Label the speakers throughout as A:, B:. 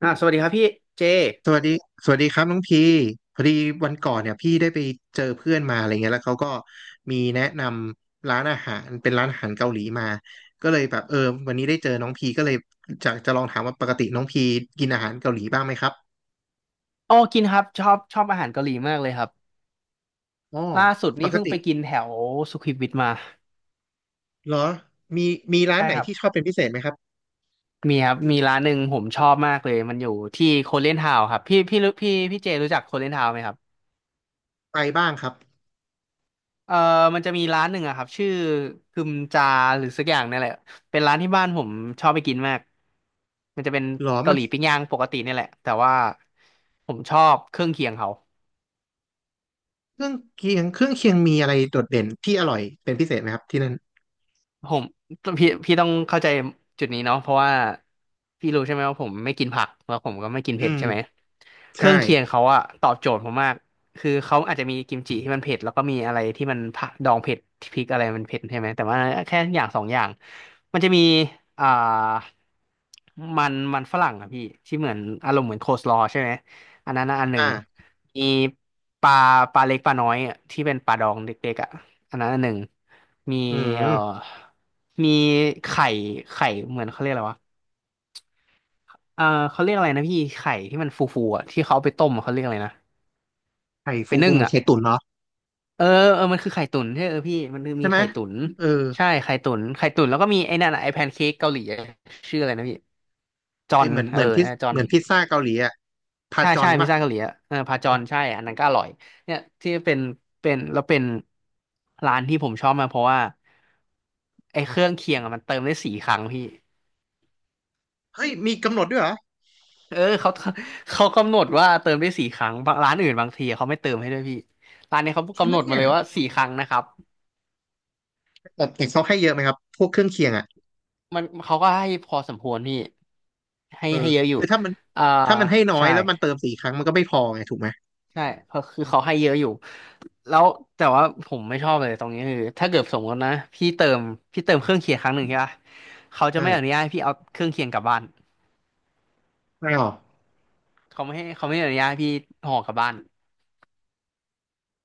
A: สวัสดีครับพี่เจ
B: สวัสดีครับน้องพีพอดีวันก่อนเนี่ยพี่ได้ไปเจอเพื่อนมาอะไรเงี้ยแล้วเขาก็มีแนะนำร้านอาหารเป็นร้านอาหารเกาหลีมาก็เลยแบบวันนี้ได้เจอน้องพีก็เลยจะลองถามว่าปกติน้องพีกินอาหารเกาหลีบ้างไหมครับ
A: อ๋อกินครับชอบชอบอาหารเกาหลีมากเลยครับ
B: อ๋อ
A: ล่าสุด
B: ป
A: นี่
B: ก
A: เพิ่ง
B: ติ
A: ไปกินแถวสุขุมวิทมา
B: เหรอมีร้าน
A: ใช่
B: ไหน
A: ครับ
B: ที่ชอบเป็นพิเศษไหมครับ
A: มีครับมีร้านหนึ่งผมชอบมากเลยมันอยู่ที่โคเรียนทาวน์ครับพี่รู้พี่เจรู้จักโคเรียนทาวน์ไหมครับ
B: ไปบ้างครับ
A: เออมันจะมีร้านหนึ่งอะครับชื่อคึมจาหรือสักอย่างนี่แหละเป็นร้านที่บ้านผมชอบไปกินมาก มันจะเป็น
B: เหรอ
A: เกา
B: มั
A: ห
B: น
A: ลีปิ้งย่างปกตินี่แหละแต่ว่าผมชอบเครื่องเคียงเขา
B: เครื่องเคียงเครื่องเคียงมีอะไรโดดเด่นที่อร่อยเป็นพิเศษไหมครับที่นั่น
A: ผมพี่ต้องเข้าใจจุดนี้เนาะเพราะว่าพี่รู้ใช่ไหมว่าผมไม่กินผักแล้วผมก็ไม่กิน
B: อื
A: เผ็ด
B: ม
A: ใช่ไหมเค
B: ใช่
A: รื่องเคียงเขาอะตอบโจทย์ผมมากคือเขาอาจจะมีกิมจิที่มันเผ็ดแล้วก็มีอะไรที่มันผักดองเผ็ดที่พริกอะไรมันเผ็ดใช่ไหมแต่ว่าแค่อย่างสองอย่างมันจะมีอ่ามันมันฝรั่งอะพี่ที่เหมือนอารมณ์เหมือนโคสลอว์ใช่ไหมอันนั้นนะอันหนึ่ง
B: อ่า
A: มีปลาปลาเล็กปลาน้อยอะที่เป็นปลาดองเด็กๆอะอันนั้นอันหนึ่ง มี
B: อืม
A: เอ่อมีไข่ไข่เหมือนเขาเรียกอะไรวะเออเขาเรียกอะไรนะพี่ไข่ที่มันฟูๆอ่ะที่เขาเอาไปต้มอะเขาเรียกอะไรนะ
B: ไข่
A: ไป
B: ฟูฟู
A: นึ่ง
B: มัน
A: อ่ะ
B: ไข่ตุ๋นเนาะ
A: เออเออมันคือไข่ตุ๋นใช่เออพี่มันคือ
B: ใช่
A: มี
B: ไหม
A: ไข่ตุ๋น
B: เออ
A: ใช่ไข่ตุ๋นไข่ตุ๋นแล้วก็มีไอ้นั่นอะไอ้แพนเค้กเกาหลีอะชื่ออะไรนะพี่จอ
B: ไอ
A: น
B: เหมือนพิซ
A: จอ
B: เห
A: น
B: มือนพิซซ่าเกาหลีอ่ะพา
A: ใช่
B: จอ
A: ใช่
B: น
A: พิซ
B: ป่ะ
A: ซ่าเกาหลีอะเออพาจอนใช่อันนั้นก็อร่อยเนี่ยที่เป็นร้านที่ผมชอบมากเพราะว่าไอ้เครื่องเคียงอะมันเติมได้สี่ครั้งพี่
B: เฮ้ยมีกำหนดด้วยเหรอ
A: เขา เขากำหนดว่าเติมได้4 ครั้งบางร้านอื่นบางทีเขาไม่เติมให้ด้วยพี่ร้านนี้เขา
B: จริง
A: กำ
B: ไหม
A: หนดมา
B: เนี่ย
A: เลยว่าสี่ครั้งนะครับ
B: แต่เขาให้เยอะไหมครับพวกเครื่องเคียงอ่ะ
A: มันเขาก็ให้พอสมควรพี่ให้
B: เออ
A: ให้เยอะอยู่
B: คือถ้ามัน
A: อ่า
B: ถ้ามันให้น้อย
A: ใช่
B: แล้วมันเติมสี่ครั้งมันก็ไม่พอไงถูกไหม
A: ใช่เพราะคือเขาให้เยอะอยู่แล้วแต่ว่าผมไม่ชอบเลยตรงนี้คือถ้าเกิดสมมตินะพี่เติมเครื่องเคียงครั้งหนึ่งใช่ปะเขาจะไม่อนุ
B: ใช่
A: ญาตให้พี่เอาเครื่องเคียงกลับบ้าน
B: ไม่หรอ
A: เขาไม่ให้เขาไม่อนุญาตให้พี่ห่อกลับบ้าน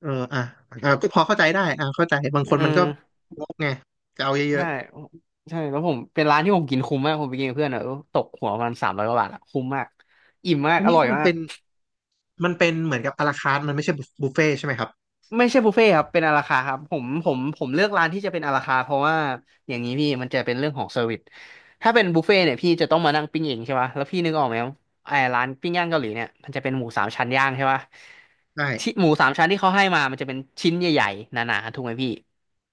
B: เอออ่ะอ่ะก็พอเข้าใจได้อ่ะเข้าใจบาง
A: เ
B: คนมันก็
A: ออ
B: งกไงจะเอาเยอะ
A: ใช่ใช่แล้วผมเป็นร้านที่ผมกินคุ้มมากผมไปกินกับเพื่อนอะตกหัวประมัณ300 กว่าบาทอะคุ้มมากอิ่ม
B: ๆ
A: มาก
B: อัน
A: อ
B: นี้
A: ร่อ
B: คื
A: ย
B: อมัน
A: มา
B: เป็
A: ก
B: นเหมือนกับอาราคาร์ทมันไม่ใช่บุฟเฟ่ใช่ไหมครับ
A: ไม่ใช่บุฟเฟ่ต์ครับเป็นอาราคาร์ทครับผมเลือกร้านที่จะเป็นอาราคาร์ทเพราะว่าอย่างนี้พี่มันจะเป็นเรื่องของเซอร์วิสถ้าเป็นบุฟเฟ่ต์เนี่ยพี่จะต้องมานั่งปิ้งเองใช่ปะแล้วพี่นึกออกไหมไอ้ร้านปิ้งย่างเกาหลีเนี่ยมันจะเป็นหมูสามชั้นย่างใช่ปะ
B: ใช่
A: ที่หมูสามชั้นที่เขาให้มามันจะเป็นชิ้นใหญ่ๆหนาๆถูกไหมพี่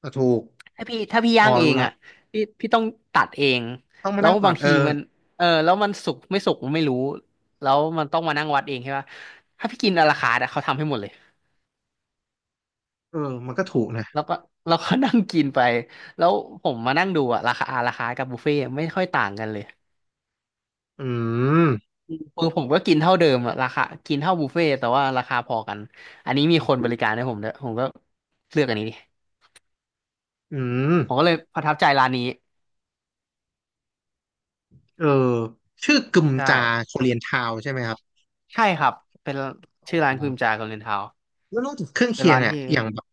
B: อ่ะถูก
A: ถ้าพี่ย่า
B: อ๋อ
A: งเอ
B: รู้
A: ง
B: ละ
A: อ่ะพี่ต้องตัดเอง
B: ต้องมา
A: แล้ว
B: นั่งตั
A: บา
B: ด
A: ง
B: เออ
A: ทีมันแล้วมันสุกไม่สุกไม่รู้แล้วมันต้องมานั่งวัดเองใช่ปะถ้าพี่กินอะราคาร์ทอะเขาทำให้หมดเลย
B: เออมันก็ถูกนะ
A: แล้วก็เราก็นั่งกินไปแล้วผมมานั่งดูอะราคาอราคา์กับบุฟเฟ่ต์ไม่ค่อยต่างกันเลย
B: อืม
A: คือผมก็กินเท่าเดิมอะราคากินเท่าบุฟเฟ่ต์แต่ว่าราคาพอกันอันนี้มีคนบริการให้ผมด้วยผมก็เลือกอันนี้ดิ
B: อืม
A: ผมก็เลยประทับใจร้านนี้
B: เออชื่อกึม
A: ใช่
B: จาโคเรียนทาวใช่ไหมครับ
A: ใช่ครับเป็น
B: ผ
A: ชื่
B: ม
A: อร้านพิ
B: นะ
A: มจากับเรนทาว
B: แล้วนอกจากเครื่อง
A: เป็น
B: เคียง
A: ร้าน
B: เนี่ย
A: ที่
B: อย่างแบบ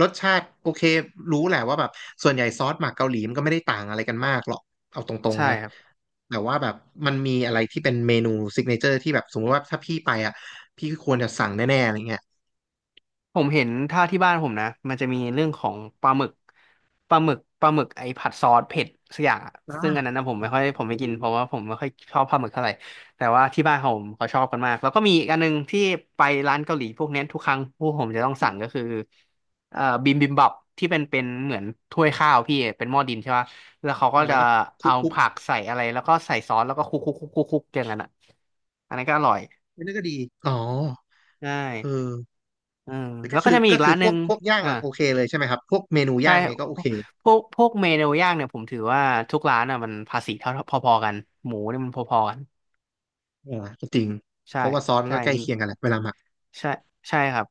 B: รสชาติโอเครู้แหละว่าแบบส่วนใหญ่ซอสหมักเกาหลีมันก็ไม่ได้ต่างอะไรกันมากหรอกเอาตรง
A: ใช่
B: ๆนะ
A: ครับ
B: แต่ว่าแบบมันมีอะไรที่เป็นเมนูซิกเนเจอร์ที่แบบสมมติว่าถ้าพี่ไปอ่ะพี่ควรจะสั่งแน่ๆอะไรเงี้ย
A: ผมเห็นถ้าที่บ้านผมนะมันจะมีเรื่องของปลาหมึกปลาหมึกไอ้ผัดซอสเผ็ดสักอย่างอะซึ่งอันนั้
B: อ่า
A: นนะผมไม่ค่อยผมไม่กินเพราะว่าผมไม่ค่อยชอบปลาหมึกเท่าไหร่แต่ว่าที่บ้านผมเขาชอบกันมากแล้วก็มีอีกอันหนึงที่ไปร้านเกาหลีพวกเนี้ยทุกครั้งพวกผมจะต้องสั่งก็คือบิมบิมบับที่เป็นเหมือนถ้วยข้าวพี่เป็นหม้อดินใช่ปะแล้วเขาก็
B: อ่าแล้
A: จะ
B: วก็คุก
A: เอา
B: คุก
A: ผักใส่อะไรแล้วก็ใส่ซอสแล้วก็คลุกคลุกคลุกคลุกคลุกอย่างนั้นอ่ะอันนั้นก็อร่อย
B: นี่ก็ดีอ๋อ
A: ใช่
B: เออ
A: อืมแล้
B: ก็
A: วก็
B: คือ
A: จะมี
B: ก็
A: อีก
B: คื
A: ร้า
B: อ
A: นห
B: พ
A: นึ่
B: วก
A: ง
B: พวกย่าง
A: อ่า
B: อ่ะโอเคเลยใช่ไหมครับพวกเมนู
A: ใช่
B: ย่างไงก็โอเค
A: พวกเมนูย่างเนี่ยผมถือว่าทุกร้านอ่ะมันภาษีเท่าพอๆกันหมูเนี่ยมันพอๆกัน
B: อ่าก็จริงเพ
A: ใช่
B: ราะว่าซอสมัน
A: ใช่
B: ก็ใกล้เคียงกันแหละเวลาหมัก
A: ใช่ใช่ครับ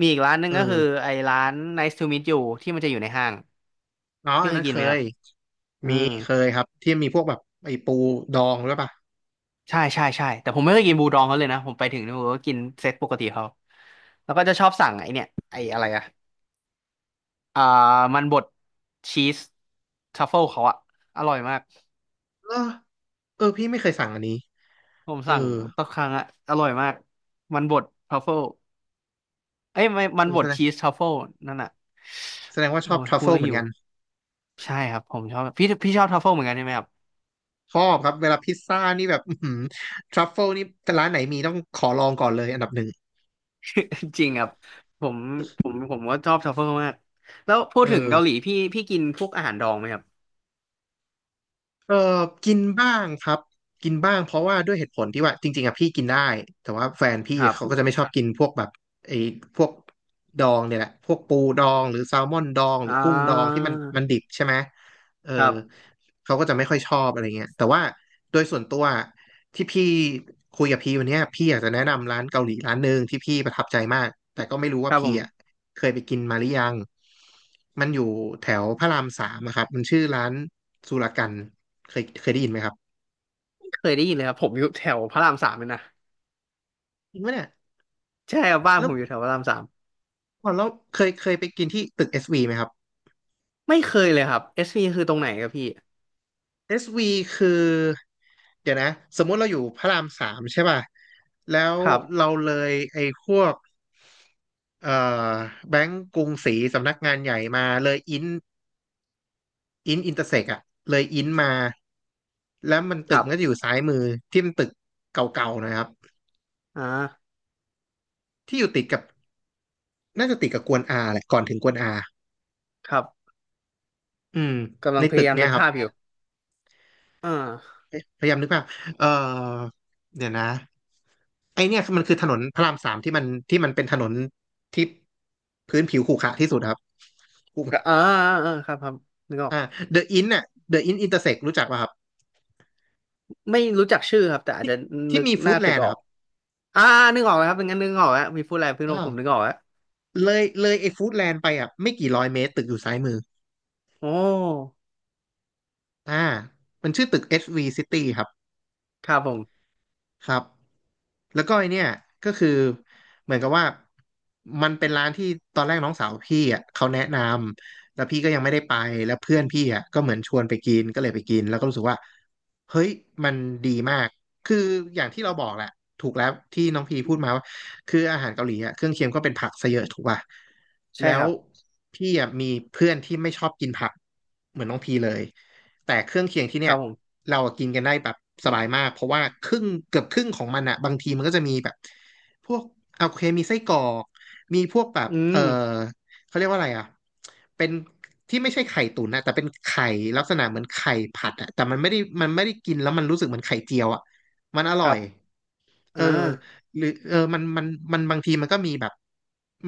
A: มีอีกร้านหนึ่
B: เอ
A: งก็คือ
B: อ
A: ไอ้ร้าน Nice to meet you ที่มันจะอยู่ในห้าง
B: อ๋อ
A: ที่
B: อัน
A: เค
B: นั้
A: ย
B: น
A: กิ
B: เค
A: นไหมครั
B: ย
A: บอื
B: มี
A: ม
B: เคยครับที่มีพวกแบบไอ้ปูดองด้วยป่ะ
A: ใช่ใช่ใช่แต่ผมไม่เคยกินบูดองเขาเลยนะผมไปถึงเนี่ยผมก็กินเซตปกติเขาแล้วก็จะชอบสั่งไอ้เนี่ยไอ้อะไรอะอ่ามันบดชีสทัฟเฟิลเขาอะอร่อยมาก
B: เออเออพี่ไม่เคยสั่งอันนี้
A: ผม
B: เออ
A: สั่งทุกครั้งอะอร่อยมากมันบดทัฟเฟิล เอ้ยไม่มั
B: เอ
A: น
B: อ
A: บ
B: แส
A: ด
B: ดง
A: ชีสทรัฟเฟิลนั่นน่ะ
B: แสดงว่าช
A: โอ้
B: อบท
A: ย
B: รัฟ
A: พู
B: เฟิ
A: ด
B: ล
A: แล้ว
B: เหมือ
A: หิ
B: น
A: ว
B: กัน
A: ใช่ครับผมชอบพี่ชอบทรัฟเฟิลเหมือนกันใช่ไหมครับ
B: ชอบครับเวลาพิซซ่านี่แบบอื้อหือทรัฟเฟิลนี่ร้านไหนมีต้องขอลองก่อนเลยอันดับหนึ่ง
A: จริงครับผมผมก็ชอบทรัฟเฟิลมากแล้วพู
B: เอ
A: ด
B: อ
A: ถึงเกาหลีพี่กินพวกอาหารดองไหมครับ
B: เออกินบ้างครับกินบ้างเพราะว่าด้วยเหตุผลที่ว่าจริงๆอะพี่กินได้แต่ว่าแฟนพี่
A: ครับ
B: เขาก็จะไม่ชอบกินพวกแบบไอ้พวกดองเนี่ยแหละพวกปูดองหรือแซลมอนดองหรื
A: อ่
B: อกุ้งดองที่
A: า
B: มันดิบใช่ไหมเออ
A: ครับ
B: เขาก็จะไม่ค่อยชอบอะไรเงี้ยแต่ว่าโดยส่วนตัวที่พี่คุยกับพี่วันเนี้ยพี่อยากจะแนะนำร้านเกาหลีร้านหนึ่งที่พี่ประทับใจมากแต่ก็ไม่รู้
A: ค
B: ว่า
A: รับผ
B: พี่อะ
A: ม
B: เคยไปกินมาหรือยังมันอยู่แถวพระรามสามอะครับมันชื่อร้านสุรกันเคยได้ยินไหมครับ
A: ไม่เคยได้ยินเลยครับผมอยู่แถวพระรามสามเลยนะ
B: จริงปะเนี่ย
A: ใช่ครับบ้าน
B: แล้
A: ผ
B: ว
A: มอยู่แถวพระรามสาม
B: ก่อนเราเคยไปกินที่ตึก SV ไหมครับ
A: ไม่เคยเลยครับเอสพีคือตรงไหนครับพี่
B: SV คือเดี๋ยวนะสมมุติเราอยู่พระรามสามใช่ป่ะแล้ว
A: ครับ
B: เราเลยไอ้พวกเอ่อแบงก์กรุงศรีสำนักงานใหญ่มาเลยอินอินเตอร์เซกอะเลยอินมาแล้วมัน
A: ค
B: ตึก
A: รั
B: มันก็จะ
A: บ
B: อยู่ซ้ายมือที่มันตึกเก่าๆหนะครับ
A: อ่า
B: ที่อยู่ติดกับน่าจะติดกับกวนอาแหละก่อนถึงกวนอา
A: ครับ
B: อืม
A: กำ
B: ใน
A: ลังพ
B: ตึก
A: ยายาม
B: เนี่ย
A: นึก
B: ครับ
A: ภาพอยู่อ่า
B: เอ๊ะพยายามนึกภาพเออเดี๋ยวนะไอเนี่ยมันคือถนนพระรามสามที่มันเป็นถนนที่พื้นผิวขรุขระที่สุดครับถูกไหม
A: ก็อ่าอ่าอ่าครับครับนึกออก
B: อ่าเดอะอินน่ะเดอะอินอินเตอร์เซกรู้จักป่ะครับ
A: ไม่รู้จักชื่อครับแต่อาจ
B: ที่
A: จะ
B: ที่
A: นึก
B: มี
A: ห
B: ฟู้
A: น้า
B: ดแล
A: ตึก
B: นด์
A: อ
B: อะ
A: อ
B: ค
A: ก
B: รับ
A: อ่านึกออกแล้วครับเป็นงั้นนึกออกแล้วมีพูดอะไรเพิ่งรู้ผมนึ
B: อ่า
A: กออกแล้ว
B: เลยไอฟู้ดแลนด์ไปอ่ะไม่กี่ร้อยเมตรตึกอยู่ซ้ายมือ
A: โอ้
B: อ่ามันชื่อตึก SV City ครับ
A: ครับผม
B: ครับแล้วก็ไอเนี่ยก็คือเหมือนกับว่ามันเป็นร้านที่ตอนแรกน้องสาวพี่อ่ะเขาแนะนำแล้วพี่ก็ยังไม่ได้ไปแล้วเพื่อนพี่อ่ะก็เหมือนชวนไปกินก็เลยไปกินแล้วก็รู้สึกว่าเฮ้ยมันดีมากคืออย่างที่เราบอกแหละถูกแล้วที่น้องพีพูดมาว่า คืออาหารเกาหลีอ่ะเครื่องเคียงก็เป็นผักซะเยอะถูกป่ะ
A: ใช่
B: แล้
A: ค
B: ว
A: รับ
B: พี่อ่ะมีเพื่อนที่ไม่ชอบกินผักเหมือนน้องพีเลยแต่เครื่องเคียงที่
A: ค
B: เนี่ย
A: รับผม
B: เรากินกันได้แบบสบายมากเพราะว่าครึ่งเกือบครึ่งของมันอ่ะบางทีมันก็จะมีแบบพวกโอเคมีไส้กรอกมีพวกแบบ
A: อืม
B: เขาเรียกว่าอะไรอ่ะเป็นที่ไม่ใช่ไข่ตุ๋นนะแต่เป็นไข่ลักษณะเหมือนไข่ผัดอะแต่มันไม่ได้กินแล้วมันรู้สึกเหมือนไข่เจียวอะมันอ
A: ค
B: ร่อ
A: รั
B: ย
A: บ
B: เอ
A: อ่า
B: อ หรือมันบางทีมันก็มีแบบ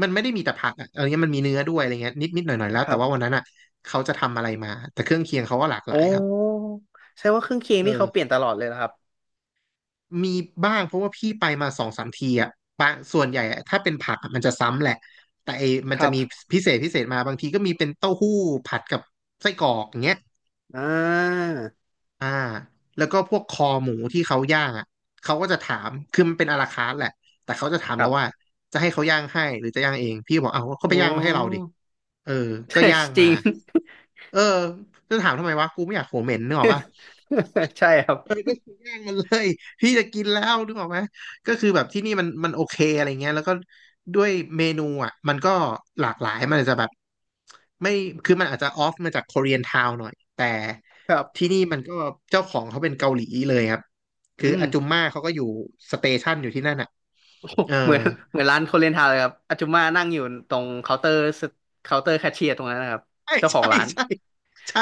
B: มันไม่ได้มีแต่ผักอะเนี้ยมันมีเนื้อด้วยอะไรเงี้ยนิดนิดหน่อยหน่อยแล้ว
A: ค
B: แต่
A: รั
B: ว่าวั
A: บ
B: นนั้นอ่ะเขาจะทำอะไรมาแต่เครื่องเคียงเขาก็หลากหลา
A: โอ้
B: ยครับ
A: แสดงว่าเครื่องเคียง
B: เอ
A: นี่
B: อ
A: เขาเปลี่ยนตลอดเลยนะครับ
B: มีบ้างเพราะว่าพี่ไปมาสองสามทีอ่ะปะส่วนใหญ่อะถ้าเป็นผักอะมันจะซ้ำแหละแต่ไอ้มัน
A: ค
B: จะ
A: รั
B: มี
A: บ
B: พิเศษมาบางทีก็มีเป็นเต้าหู้ผัดกับไส้กรอกอย่างเงี้ย
A: อ่า
B: อ่าแล้วก็พวกคอหมูที่เขาย่างอ่ะเขาก็จะถามคือมันเป็นอาราคาร์ทแหละแต่เขาจะถาม
A: ครั
B: เราว่า
A: บ
B: จะให้เขาย่างให้หรือจะย่างเองพี่บอกเอาเขาไป
A: โอ้
B: ย่างมาให้เราดิเออ ก็
A: ใช่
B: ย่าง
A: จ
B: มา
A: ริง
B: เออจะถามทำไมวะกูไม่อยากโหเหม็นนึกออกปะ
A: ใช่ครับ
B: ก็คือย่างมันเลย พี่จะกินแล้วนึกออกไหมก็คือแบบที่นี่มันโอเคอะไรเงี้ยแล้วก็ด้วยเมนูอ่ะมันก็หลากหลายมันอาจจะแบบไม่คือมันอาจจะออฟมาจากค o เรียนทาวหน่อยแต่
A: ครับ
B: ที่นี่มันก็เจ้าของเขาเป็นเกาหลีเลยครับคื
A: อื
B: อ
A: ม
B: อาจุมม่าเขาก็อยู่สเตชันอยู่ที่นั่นอ่ะ
A: โอ้
B: เออ
A: เหมือนเหมือนร้านโคเรียนทาวน์เลยครับอาจุมานั่งอยู่ตรงเคาน์เตอร์เคาน์เตอร์แคชเชียร์ตรงนั้นนะครับ
B: ใช่
A: เจ้าของ
B: ใช่
A: ร้าน
B: ใช่ใช่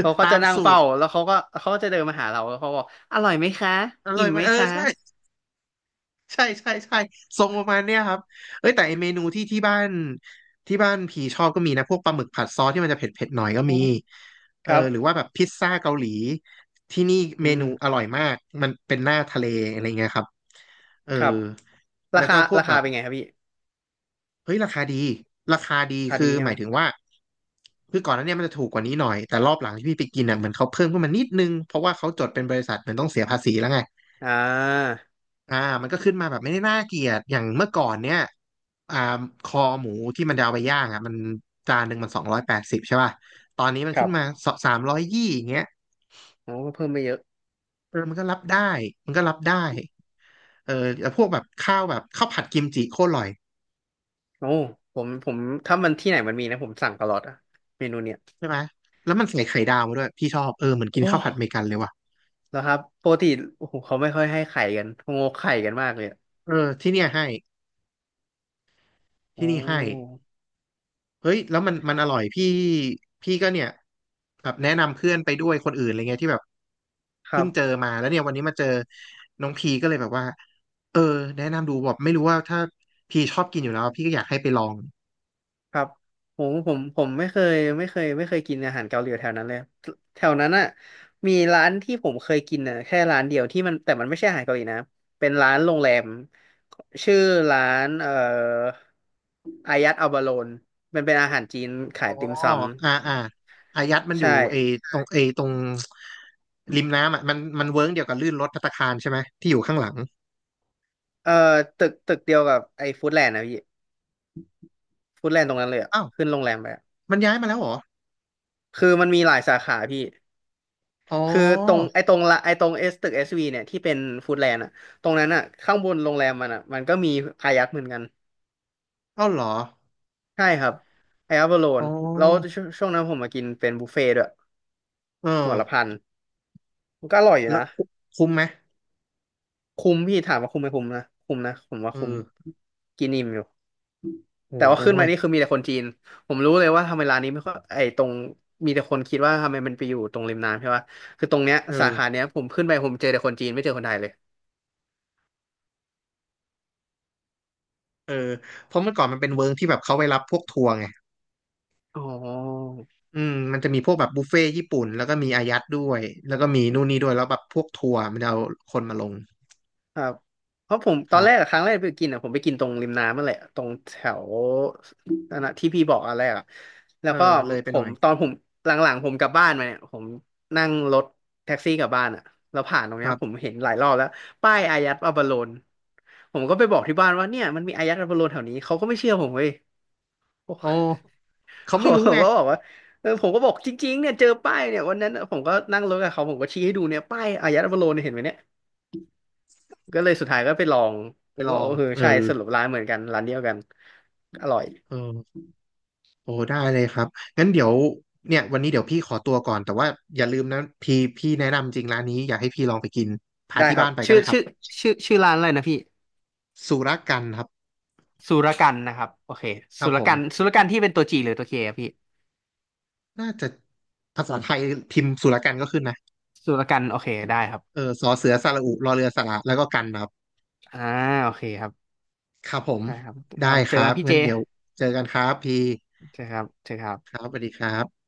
A: เขาก็
B: ตา
A: จะ
B: ม
A: นั่ง
B: สู
A: เฝ้า
B: ตร
A: แล้วเขาก็เขาก็จะเดินมาหาเราแล้วเขาบอกอร่อยไหมคะ
B: อร่อ
A: อิ่
B: ย
A: ม
B: ไหม
A: ไหมคะ
B: ใช่ ใช่ใช่ใช่ทรงประมาณเนี้ยครับเอ้ยแต่ไอเมนูที่ที่บ้านที่บ้านพี่ชอบก็มีนะพวกปลาหมึกผัดซอสที่มันจะเผ็ดเผ็ดหน่อยก็
A: อ๋อ
B: มี
A: ครับ
B: หรือว่าแบบพิซซ่าเกาหลีที่นี่
A: อื
B: เม
A: ม
B: นูอร่อยมากมันเป็นหน้าทะเลอะไรเงี้ยครับเออ
A: ครับรา
B: แล้ว
A: คา
B: ก็พวก
A: รา
B: แบ
A: คา
B: บ
A: เป็นไงครับพี่
B: เฮ้ยราคาดีราคาดี
A: พอ
B: คือ
A: ดีใช่
B: ห
A: ไห
B: มา
A: ม
B: ยถึงว่าคือก่อนหน้าเนี้มันจะถูกกว่านี้หน่อยแต่รอบหลังที่พี่ไปกินอ่ะเหมือนเขาเพิ่มขึ้นมานิดนึงเพราะว่าเขาจดเป็นบริษัทเหมือนต้องเสียภาษีแล้วไง
A: อ่า
B: อ่ามันก็ขึ้นมาแบบไม่ได้น่าเกลียดอย่างเมื่อก่อนเนี่ยอ่าคอหมูที่มันจะเอาไปย่างอ่ะมันจานหนึ่งมันสองร้อยแปดสิบใช่ป่ะตอนนี้มัน
A: ค
B: ขึ้
A: รั
B: น
A: บ
B: มาสามร้อยยี่อย่างเงี้ย
A: โอ้ก็เพิ่มไปเยอะ
B: มันก็รับได้มันก็รับได้แล้วพวกแบบข้าวแบบข้าวผัดกิมจิโคตรอร่อย
A: โอ้ผมถ้ามันที่ไหนมันมีนะผมสั่งตลอดอะเมนูเนี้ย
B: ใช่ไหมแล้วมันใส่ไข่ดาวมาด้วยพี่ชอบเหมือนกิน
A: โอ้
B: ข้าวผัดอเมริกันเลยว่ะ
A: แล้วครับปกติโอ้โหเขาไม่ค่อยให้ไข่กันเขางกไข่กันมากเลยอะ
B: ที่เนี่ยให้
A: โอ้
B: ที่นี่ให้ เฮ้ยแล้วมันอร่อยพี่พี่ก็เนี่ยแบบแนะนำเพื่อนไปด้วยคนอื่นอะไรเงี้ยที่แบบ
A: ครั
B: เพิ่งเจอ
A: บ
B: มาแล้วเนี่ยวันนี้มาเจอน้องพีก็เลยแบบว่าเออแนะนำดูแบบไม่รู้ว่าถ้าพีชอบกินอยู่แล้วพี่ก็อยากให้ไปลอง
A: ครับผมไม่เคยไม่เคยไม่เคยกินอาหารเกาหลีแถวนั้นเลยแถวนั้นอ่ะมีร้านที่ผมเคยกินอ่ะแค่ร้านเดียวที่มันแต่มันไม่ใช่อาหารเกาหลีนะเป็นร้านโรงแรมชื่อร้านอายัดอัลบาโลนมันเป็นอาหารจีน
B: อ๋
A: ขา
B: อ
A: ยติ่มซ
B: อ่าอ่าอายัดมัน
A: ำ
B: อ
A: ใช่
B: ยู่ไอ้ตรงไอ้ตรงริมน้ำอ่ะมันเวิ้งเดียวกับลื่นรถภัตตาคารใช่ไหมที่อยู่ข้างหลัง
A: เอ่อตึกเดียวกับไอ้ฟู้ดแลนด์นะพี่ฟู้ดแลนด์ตรงนั้นเลยอ่ะ
B: อ้าว
A: ขึ้นโรงแรมไปอะ
B: มันย้ายมาแล้วเหรอ
A: คือมันมีหลายสาขาพี่
B: อ๋
A: คือตรง
B: อ
A: ไอ้ตรงละไอ้ตรงเอสตึกเอสวีเนี่ยที่เป็นฟู้ดแลนด์อ่ะตรงนั้นอ่ะข้างบนโรงแรมมันอ่ะมันก็มีอายัดเหมือนกัน
B: เอ้าเหรอ
A: ใช่ครับไอายัดบอล
B: อ๋
A: นแล้ว
B: อ
A: ช่วงนั้นผมมากินเป็นบุฟเฟ่ต์ด้วย
B: เออ
A: หัวละพันมันก็อร่อยอยู่
B: แล้ว
A: นะ
B: คุ้มไหม
A: คุ้มพี่ถามว่าคุ้มไหมคุ้มนะคุ้มนะผมว่า
B: เอ
A: คุ้ม
B: อ
A: กินอิ่มอยู่
B: โอ้
A: แต่ว่า
B: โห
A: ขึ้นมานี่คือมีแต่คนจีนผมรู้เลยว่าทำไมร้านนี้ไม่ค่อยไอ้ตรงมีแต่คนคิดว่าทำไมมันไปอยู่ตรงริมน้ำใช่ปะคือตรงเนี้ย
B: เอ
A: สาขา
B: อ
A: เนี้ยผมขึ้นไปผมเจอแต่คนจีนไม่เจอคนไทยเลย
B: เออเพราะเมื่อก่อนมันเป็นเวิร์กที่แบบเขาไปรับพวกทัวร์ไง
A: อ๋อ
B: อืมมันจะมีพวกแบบบุฟเฟ่ต์ญี่ปุ่นแล้วก็มีอายัดด้วย แล้วก็มีนู่นนี่ด้วยแล้วแบบพวกทัวร์มันจะเอาคนมาลง
A: ครับเพราะผมต
B: ค
A: อน
B: รั
A: แรก
B: บ
A: อะครั้งแรกไปกินอ่ะผมไปกินตรงริมน้ำนั่นแหละตรงแถวนั่นนะที่พี่บอกอันแรกอ่ะแล้
B: เอ
A: ว
B: อ
A: ก็
B: เลยไป
A: ผ
B: หน่อ
A: ม
B: ย
A: ตอนผมหลังๆผมกลับบ้านมาเนี่ยผมนั่งรถแท็กซี่กลับบ้านอ่ะแล้วผ่านตรง
B: ค
A: เนี้ย
B: รั
A: ผม
B: บ
A: เห็นหลายรอบแล้วป้ายอายัดอัปโลนผมก็ไปบอกที่บ้านว่าเนี่ยมันมีอายัดอัปโลนแถวนี้เขาก็ไม่เชื่อผมเว้ยผม
B: โอ้เขา
A: ผ
B: ไม่
A: ม
B: รู้
A: ก็
B: ไง
A: บอกว่าเออผมก็บอกจริงๆเนี่ยเจอป้ายเนี่ยวันนั้นอะผมก็นั่งรถกับเขาผมก็ชี้ให้ดูเนี่ยป้ายอายัดอัปโลนเนี่ยเห็นไหมเนี่ย ก็เลยสุดท้ายก็ไปลองผ
B: ไป
A: ม
B: ล
A: ว่า
B: อ
A: โอ้
B: ง
A: เออใช่สรุปร้านเหมือนกันร้านเดียวกันอร่อย
B: เออโอ้ได้เลยครับงั้นเดี๋ยวเนี่ยวันนี้เดี๋ยวพี่ขอตัวก่อนแต่ว่าอย่าลืมนะพี่แนะนำจริงร้านนี้อยากให้พี่ลองไปกินพา
A: ได้
B: ที่
A: ครั
B: บ้า
A: บ
B: นไปก็
A: ชื่อ
B: ได้ครั
A: ชื่อ
B: บ
A: ชื่อชื่อร้านอะไรนะพี่
B: สุรกันครับ
A: สุรกันนะครับโอเค
B: ครั
A: สุ
B: บ
A: ร
B: ผ
A: กัน
B: ม
A: สุรกันที่เป็นตัวจีหรือตัวเคอะพี่
B: น่าจะภาษาไทยพิมพ์สุรกันก็ขึ้นนะ
A: สุรกันโอเคได้ครับ
B: สอเสือสระอุรอเรือสระแล้วก็กันครับ
A: อ่าโอเคครับ
B: ครับผม
A: ใช่ครับค
B: ได้
A: รับ
B: ค
A: เจอ
B: รั
A: กั
B: บ
A: นพี่เจ
B: งั้นเดี๋ยวเจอกันครับพี่
A: เจอครับเจอครับ
B: ครับสวัสดีครับ